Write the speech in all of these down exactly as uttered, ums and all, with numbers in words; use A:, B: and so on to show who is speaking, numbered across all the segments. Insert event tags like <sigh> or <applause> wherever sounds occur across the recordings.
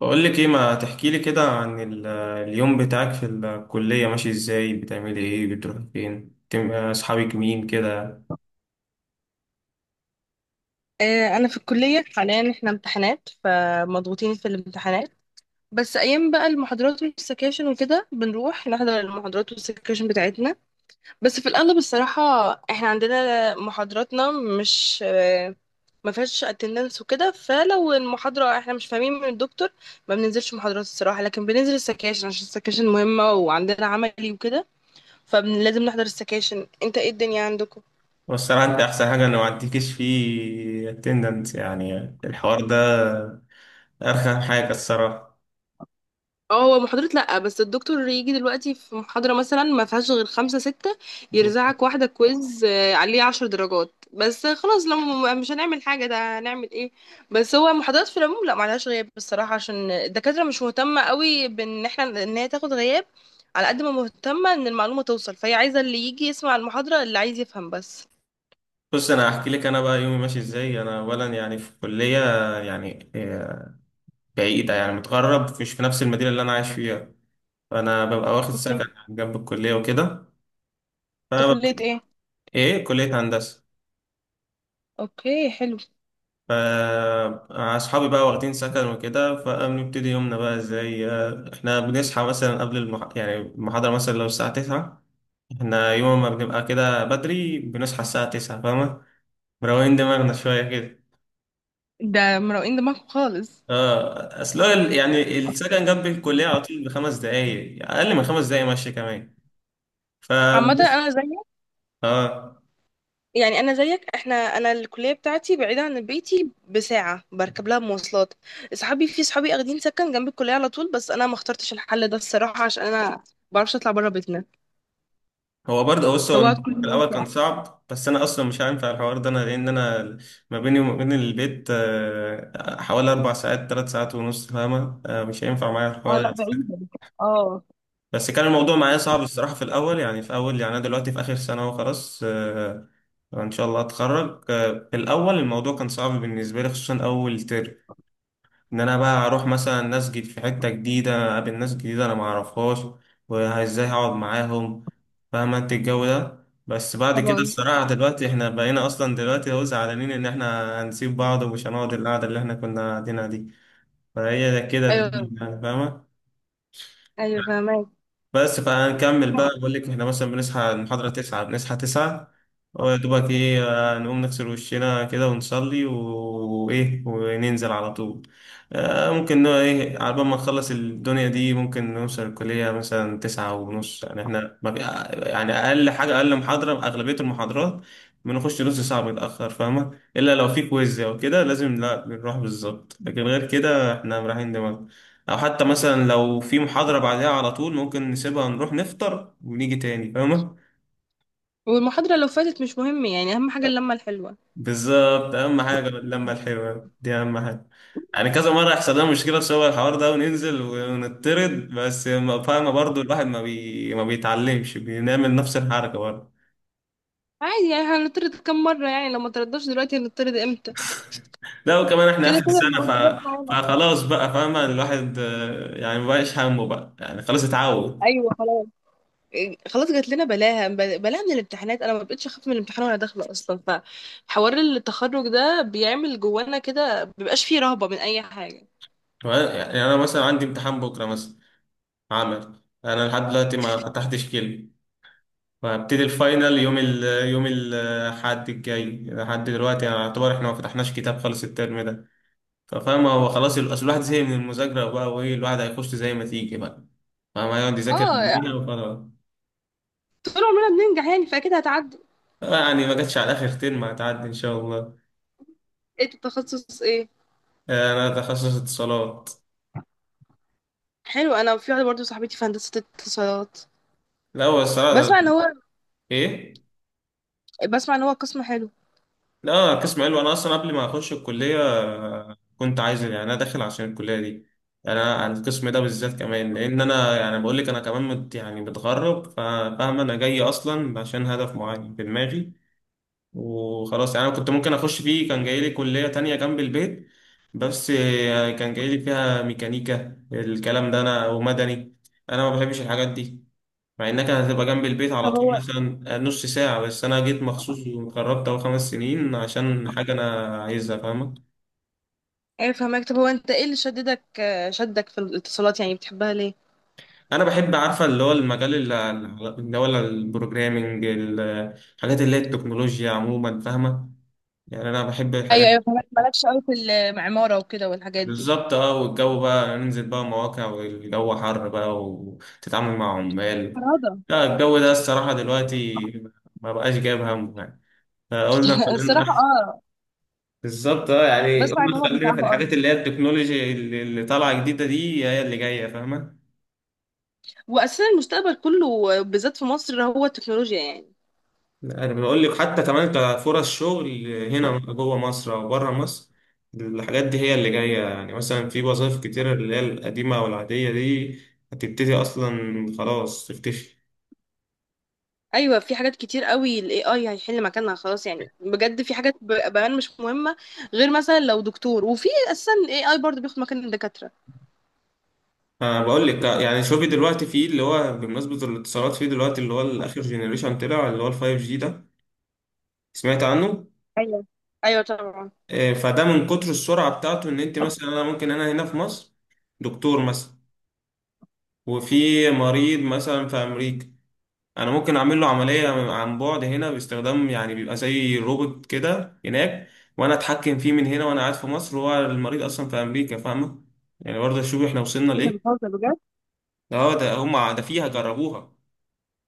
A: بقول لك ايه، ما تحكي لي كده عن ال- اليوم بتاعك في الكلية، ماشي ازاي، بتعملي ايه، بتروحي فين، تم- اصحابك مين كده.
B: آه، انا في الكليه حاليا، احنا امتحانات فمضغوطين في الامتحانات. بس ايام بقى المحاضرات والسكاشن وكده بنروح نحضر المحاضرات والسكاشن بتاعتنا، بس في الاغلب الصراحه. احنا عندنا محاضراتنا مش آه، ما فيهاش اتندنس وكده، فلو المحاضره احنا مش فاهمين من الدكتور ما بننزلش محاضرات الصراحه، لكن بننزل السكاشن عشان السكاشن مهمه وعندنا عملي وكده، فلازم نحضر السكاشن. انت ايه الدنيا عندكم؟
A: والصراحة انت احسن حاجة انه ما عندكيش فيه اتندنس، يعني الحوار ده ارخم حاجة الصراحة.
B: اه، هو محاضرة لأ، بس الدكتور يجي دلوقتي في محاضرة مثلا ما فيهاش غير خمسة ستة، يرزعك واحدة كويز آه، عليه عشر درجات بس. آه، خلاص لو م- مش هنعمل حاجة ده، هنعمل ايه؟ بس هو محاضرات في العموم لأ، معلهاش غياب بصراحة، عشان الدكاترة مش مهتمة قوي بان احنا ان هي تاخد غياب، على قد ما مهتمة ان المعلومة توصل، فهي عايزة اللي يجي يسمع المحاضرة اللي عايز يفهم بس.
A: بص، انا هحكي لك انا بقى يومي ماشي ازاي. انا اولا يعني في كلية يعني آه، بعيدة، يعني متغرب، مش في نفس المدينة اللي انا عايش فيها. فانا ببقى واخد
B: اوكي.
A: سكن جنب الكلية وكده.
B: انت كلية
A: فببتدي،
B: ايه؟
A: ايه، كلية هندسة.
B: اوكي، حلو.
A: فأصحابي بقى واخدين سكن وكده، فبنبتدي يومنا بقى ازاي. آه، احنا بنصحى مثلا قبل المح... يعني المحاضرة مثلا لو الساعة تسعة، احنا يوم ما بنبقى كده بدري بنصحى الساعة تسعة، فاهمة، مروقين دماغنا شوية كده.
B: ده مروقين دماغكم خالص.
A: اه، اصل هو ال- يعني السكن جنب الكلية على طول بخمس دقايق، أقل من خمس دقايق مشي كمان. ف
B: عامة انا زي،
A: اه
B: يعني انا زيك. احنا انا الكليه بتاعتي بعيده عن بيتي بساعه، بركب لها مواصلات. اصحابي، في صحابي اخدين سكن جنب الكليه على طول، بس انا ما اخترتش الحل ده الصراحه، عشان انا ما بعرفش اطلع بره بيتنا،
A: هو برضه، بص، هو
B: فبقعد
A: الموضوع
B: كل
A: في
B: يوم
A: الأول كان
B: ساعه.
A: صعب، بس أنا أصلا مش هينفع الحوار ده أنا، لأن أنا ما بيني وما بين البيت آه، حوالي أربع ساعات، تلات ساعات ونص، فاهمة، آه، مش هينفع معايا
B: اه، لا
A: الحوار ده.
B: بعيده. اه.
A: بس كان الموضوع معايا صعب الصراحة في الأول، يعني في أول، يعني أنا دلوقتي في آخر سنة وخلاص آه، إن شاء الله أتخرج. آه، في الأول الموضوع كان صعب بالنسبة لي، خصوصا أول ترم، ان انا بقى اروح مثلا اسجد في حته جديده، اقابل ناس جديده انا ما اعرفهاش، وازاي هقعد معاهم، فاهم انت الجو ده. بس بعد كده
B: طبعا.
A: الصراحه دلوقتي احنا بقينا اصلا دلوقتي هو زعلانين ان احنا هنسيب بعض ومش هنقعد القعده اللي احنا كنا قاعدينها دي. فهي ده كده الدنيا
B: ايوه.
A: يعني، فاهمه.
B: ايوه، فاهمك.
A: بس فهنكمل بقى، بقول لك احنا مثلا بنصحى المحاضرة تسعة، بنصحى تسعة ويا دوبك ايه، آه، نقوم نغسل وشنا كده ونصلي و- وايه وننزل على طول. آه، ممكن نوع ايه على بال ما نخلص الدنيا دي، ممكن نوصل الكلية مثلا تسعة ونص، يعني احنا ما في- آه، يعني أقل حاجة، أقل محاضرة، أغلبية المحاضرات بنخش نص ساعة بنتأخر، فاهمة، إلا لو في كويز أو كده لازم، لا بنروح بالظبط، لكن غير كده احنا رايحين دماغنا. او حتى مثلا لو في محاضرة بعدها على طول ممكن نسيبها، نروح نفطر ونيجي تاني، فاهمة.
B: والمحاضره لو فاتت مش مهم، يعني اهم حاجه اللمه الحلوه.
A: بالظبط، اهم حاجة اللمة الحلوة دي اهم حاجة. يعني كذا مرة يحصل لنا مشكلة بسبب الحوار ده وننزل ونطرد، بس ما- فاهمة، برضو الواحد ما بي... ما بيتعلمش، بنعمل نفس الحركة برضه.
B: عادي يعني، هنطرد كم مره؟ يعني لو ما تردش دلوقتي هنطرد امتى؟
A: لا، وكمان احنا
B: كده
A: اخر
B: كده
A: سنة
B: المحاضرات
A: ف...
B: معانا.
A: فخلاص بقى، فاهمة، الواحد آه، يعني مبقاش همه بقى، يعني خلاص اتعود.
B: ايوه، خلاص. خلاص، جات لنا بلاها بلاها من الامتحانات، انا ما بقتش اخاف من الامتحان وانا داخله اصلا، فحوار التخرج ده بيعمل جوانا كده مبيبقاش فيه رهبه من اي حاجه.
A: يعني انا مثلا عندي امتحان بكرة مثلا، عمل انا لحد دلوقتي ما فتحتش كلمة، وهبتدي الفاينل يوم ال يوم الحد الجاي، لحد دلوقتي يعني يعتبر احنا ما فتحناش كتاب خالص الترم ده. ففاهم، هو خلاص ال- اصل الواحد زهق من المذاكرة بقى، وايه، الواحد هيخش زي ما تيجي بقى، فاهم، هيقعد يذاكر من
B: اه،
A: هنا وخلاص.
B: طول عمرنا بننجح يعني، فاكيد هتعدي.
A: آه، يعني ما جاتش على اخر ترم، هتعدي ان شاء الله.
B: ايه التخصص، ايه؟
A: آه، انا تخصص اتصالات.
B: حلو، انا في واحده برضه صاحبتي في هندسه اتصالات.
A: لا، هو الصراحة
B: بسمع ان
A: ده-
B: هو
A: ايه،
B: بسمع ان هو قسم حلو.
A: لا قسم علوي. انا اصلا قبل ما اخش الكليه آه، كنت عايز، يعني انا داخل عشان الكليه دي، يعني انا عن القسم ده بالذات كمان، لان انا يعني بقول لك انا كمان مت، يعني متغرب، فاهم، انا جاي اصلا عشان هدف معين في دماغي وخلاص. يعني انا كنت ممكن اخش فيه كان جاي لي كليه تانية جنب البيت، بس آه، كان جاي لي فيها ميكانيكا، الكلام ده، انا ومدني، انا ما بحبش الحاجات دي. مع انك هتبقى جنب البيت على
B: طب
A: طول
B: هو،
A: مثلا نص ساعة، بس انا جيت مخصوص وجربت اهو خمس سنين عشان حاجة انا عايزها، فاهمة.
B: ايه فهمك؟ طب هو، انت ايه اللي شددك شدك في الاتصالات، يعني بتحبها ليه؟
A: انا بحب، عارفة، اللي هو المجال اللي اللي هو البروجرامينج، الحاجات اللي هي التكنولوجيا عموما، فاهمة، يعني انا بحب
B: ايوه،
A: الحاجات.
B: ايوه، فهمك. مالكش قوي في المعمارة وكده والحاجات دي؟
A: بالظبط، اه، والجو بقى ننزل بقى مواقع، والجو حر بقى، وتتعامل مع عمال،
B: فرادة.
A: لا الجو ده الصراحة دلوقتي ما بقاش جايب همه يعني، فقلنا
B: <laughs> الصراحة
A: خلينا <laughs>
B: اه.
A: بالظبط، اه،
B: بس
A: يعني
B: عايزة
A: قلنا
B: اقول لك
A: خلينا في
B: صعبة قوي،
A: الحاجات اللي هي التكنولوجي اللي اللي طالعه جديده دي هي اللي جايه، فاهمه.
B: واساسا المستقبل كله بالذات في مصر هو التكنولوجيا يعني.
A: انا بقول لك حتى كمان كفرص شغل هنا جوه مصر او بره مصر، الحاجات دي هي اللي جايه، يعني مثلا في وظائف كتير اللي هي القديمه او العاديه دي هتبتدي اصلا خلاص تختفي.
B: ايوه، في حاجات كتير قوي الاي اي هيحل مكانها خلاص، يعني بجد في حاجات ب- بقى مش مهمه، غير مثلا لو دكتور، وفي اساسا الاي اي برضه بياخد مكان الدكاتره.
A: أنا بقول لك آه، يعني شوفي دلوقتي، في اللي هو بمناسبة الاتصالات، في دلوقتي اللي هو الآخر جينيريشن طلع اللي هو الفايف جي ده، سمعت عنه؟
B: ايوه، ايوه، طبعا.
A: إيه، فده من كتر السرعة بتاعته ان انت مثلا، انا ممكن انا هنا في مصر دكتور مثلا، وفي مريض مثلا في امريكا، انا ممكن اعمل له عملية عن بعد هنا باستخدام، يعني بيبقى زي روبوت كده هناك وانا اتحكم فيه من هنا وانا قاعد في مصر، وهو المريض اصلا في امريكا، فاهمة. يعني برضه شوف احنا وصلنا
B: انت
A: لايه.
B: بتهزر بجد.
A: ده هو ده هم ده فيها جربوها،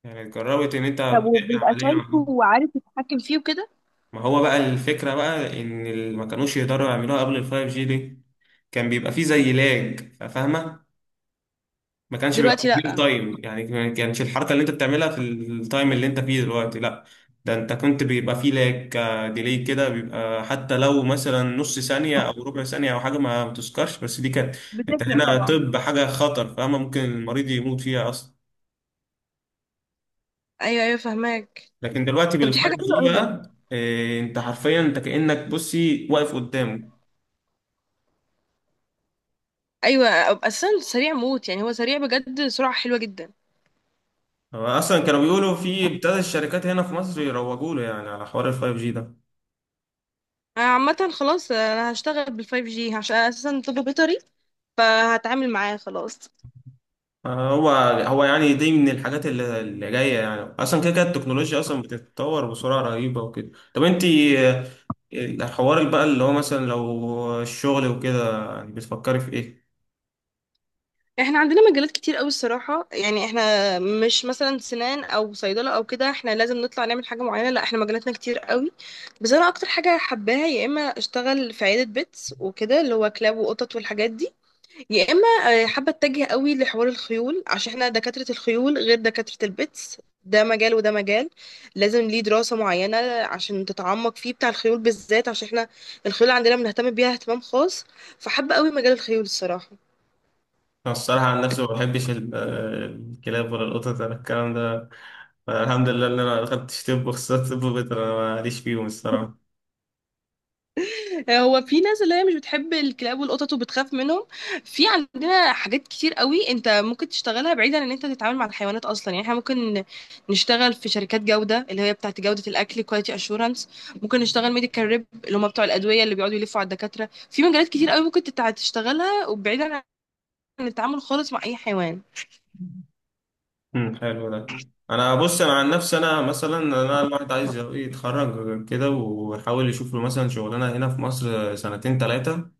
A: يعني جربت ان انت
B: طب
A: بتعمل
B: وبيبقى
A: عملية
B: شايفه
A: معاهم.
B: وعارف يتحكم فيه وكده؟
A: ما هو بقى الفكرة بقى إن ال- ما كانوش يقدروا يعملوها قبل الفايف جي دي، كان بيبقى فيه زي لاج، فاهمة، ما كانش
B: دلوقتي
A: بيبقى في ريل
B: لا.
A: تايم، يعني ما كانش الحركة اللي أنت بتعملها في التايم اللي أنت فيه دلوقتي، لا، ده أنت كنت بيبقى فيه لاج، ديلي كده بيبقى، حتى لو مثلا نص ثانية أو ربع ثانية أو حاجة ما بتذكرش، بس دي كانت أنت
B: بتفرق
A: هنا،
B: طبعا.
A: طب حاجة خطر، فاهمة، ممكن المريض يموت فيها أصلا.
B: ايوه، ايوه، فهماك.
A: لكن دلوقتي
B: طب دي حاجه
A: بالفايف
B: حلوه
A: جي
B: قوي.
A: بقى إيه، أنت حرفيا أنت كأنك بصي واقف قدامه.
B: ايوه. اساسا سريع موت، يعني هو سريع بجد، سرعه حلوه جدا.
A: هو اصلا كانوا بيقولوا في ابتدى الشركات هنا في مصر يروجوا له، يعني على حوار الفايف جي ده.
B: انا عامه خلاص، آه، انا هشتغل بالفايف جي عشان أنا اساسا طب بيطري، فهتعامل معاه خلاص.
A: آه، هو هو يعني دي من الحاجات اللي, اللي جايه، يعني اصلا كده كده التكنولوجيا اصلا بتتطور بسرعه رهيبه وكده. طب انت آه، الحوار بقى اللي هو مثلا لو الشغل وكده، يعني بتفكري في ايه؟
B: احنا عندنا مجالات كتير قوي الصراحه، يعني احنا مش مثلا سنان او صيدله او كده احنا لازم نطلع نعمل حاجه معينه، لا احنا مجالاتنا كتير قوي. بس انا اكتر حاجه حباها يا اما اشتغل في عياده بيتس وكده اللي هو كلاب وقطط والحاجات دي، يا اما آه، حابه اتجه قوي لحوار الخيول، عشان احنا دكاتره الخيول غير دكاتره البيتس، ده مجال وده مجال، لازم ليه دراسه معينه عشان تتعمق فيه، بتاع الخيول بالذات، عشان احنا الخيول عندنا بنهتم بيها اهتمام خاص، فحابه قوي مجال الخيول الصراحه.
A: انا الصراحه عن نفسي ما بحبش ال- آه، الكلاب ولا القطط ولا الكلام ده، الحمد لله ان انا دخلت طب، وخصوصا طب بيطري، انا ماليش فيهم الصراحه.
B: هو في ناس اللي هي مش بتحب الكلاب والقطط وبتخاف منهم، في عندنا حاجات كتير قوي انت ممكن تشتغلها بعيدا عن ان انت تتعامل مع الحيوانات اصلا، يعني احنا ممكن نشتغل في شركات جودة اللي هي بتاعت جودة الاكل، كواليتي اشورنس، ممكن نشتغل ميديكال ريب اللي هم بتوع الادوية اللي بيقعدوا يلفوا على الدكاترة، في مجالات كتير قوي ممكن تتع- تشتغلها، وبعيدا عن التعامل خالص مع اي حيوان.
A: امم، حلو ده. انا بص، انا عن نفسي، انا مثلا انا الواحد عايز يتخرج كده ويحاول يشوف له مثلا شغلانه هنا في مصر سنتين ثلاثه،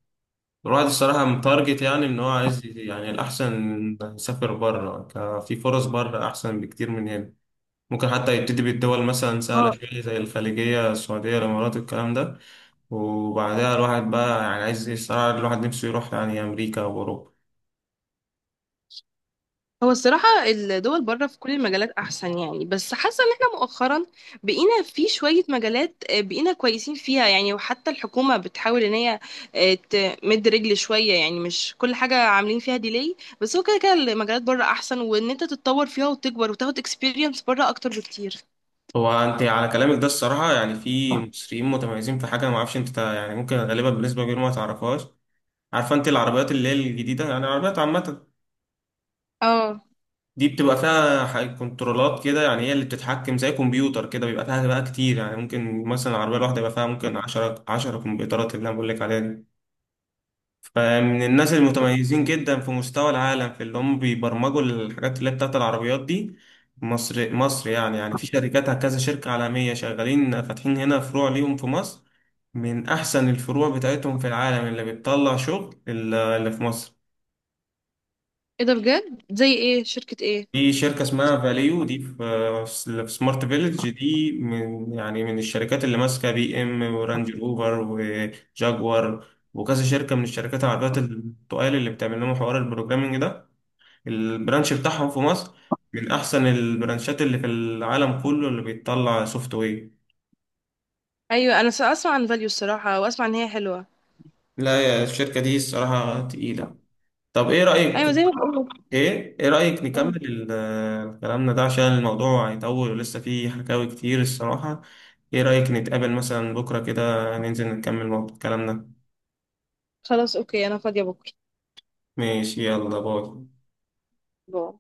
A: الواحد الصراحه متارجت، يعني ان هو عايز ي- يعني الاحسن يسافر بره، ك- في فرص بره احسن بكتير من هنا، ممكن حتى يبتدي بالدول مثلا سهله شويه زي الخليجيه، السعوديه، الامارات، الكلام ده، وبعدها الواحد بقى يعني عايز الصراحه الواحد نفسه يروح يعني امريكا واوروبا.
B: هو الصراحة الدول بره في كل المجالات أحسن يعني، بس حاسة إن احنا مؤخرا بقينا في شوية مجالات آه، بقينا كويسين فيها يعني، وحتى الحكومة بتحاول إن هي آه، تمد رجل شوية، يعني مش كل حاجة عاملين فيها ديلي. بس هو كده كده المجالات بره أحسن، وإن أنت تتطور فيها وتكبر وتاخد اكسبيرينس بره أكتر بكتير.
A: هو انت على كلامك ده الصراحه، يعني في مصريين متميزين في حاجه انا ما اعرفش انت تع- يعني ممكن غالبا بالنسبه كبيره ما تعرفهاش. عارفه انت العربيات اللي هي الجديده، يعني العربيات عامه
B: اه.
A: دي بتبقى فيها ح- كنترولات كده، يعني هي اللي بتتحكم زي كمبيوتر كده، بيبقى فيها بقى كتير، يعني ممكن مثلا العربيه الواحده يبقى فيها ممكن 10 10 كمبيوترات، اللي انا بقول لك عليها دي من الناس المتميزين جدا في مستوى العالم، في اللي هم بيبرمجوا الحاجات اللي هي بتاعت العربيات دي. مصر مصر يعني يعني في شركات كذا شركة عالمية شغالين فاتحين هنا فروع ليهم في مصر، من أحسن الفروع بتاعتهم في العالم اللي بتطلع شغل اللي اللي في مصر.
B: ايه ده بجد؟ زي ايه؟ شركة ايه؟
A: في شركة اسمها فاليو دي في في سمارت فيلج، دي من يعني من الشركات اللي ماسكة بي ام ورانج روفر وجاكوار وكذا شركة من الشركات العربيات التقال، اللي بتعمل لهم حوار البروجرامينج ده، البرانش بتاعهم في مصر من أحسن البرانشات اللي في العالم كله اللي بيطلع سوفت وير.
B: ايوه انا س- اسمع عن فاليو الصراحة، واسمع ان هي حلوة.
A: لا يا، الشركة دي الصراحة تقيلة. طب إيه رأيك؟
B: ايوه زي ما بقول.
A: إيه إيه رأيك نكمل ال- آه، كلامنا ده، عشان الموضوع هيطول ولسه فيه حكاوي كتير الصراحة. إيه رأيك نتقابل مثلا بكرة كده، ننزل نكمل موضوع- كلامنا.
B: خلاص، اوكي، انا فاضية بكرة.
A: ماشي، يلا باي.
B: باي.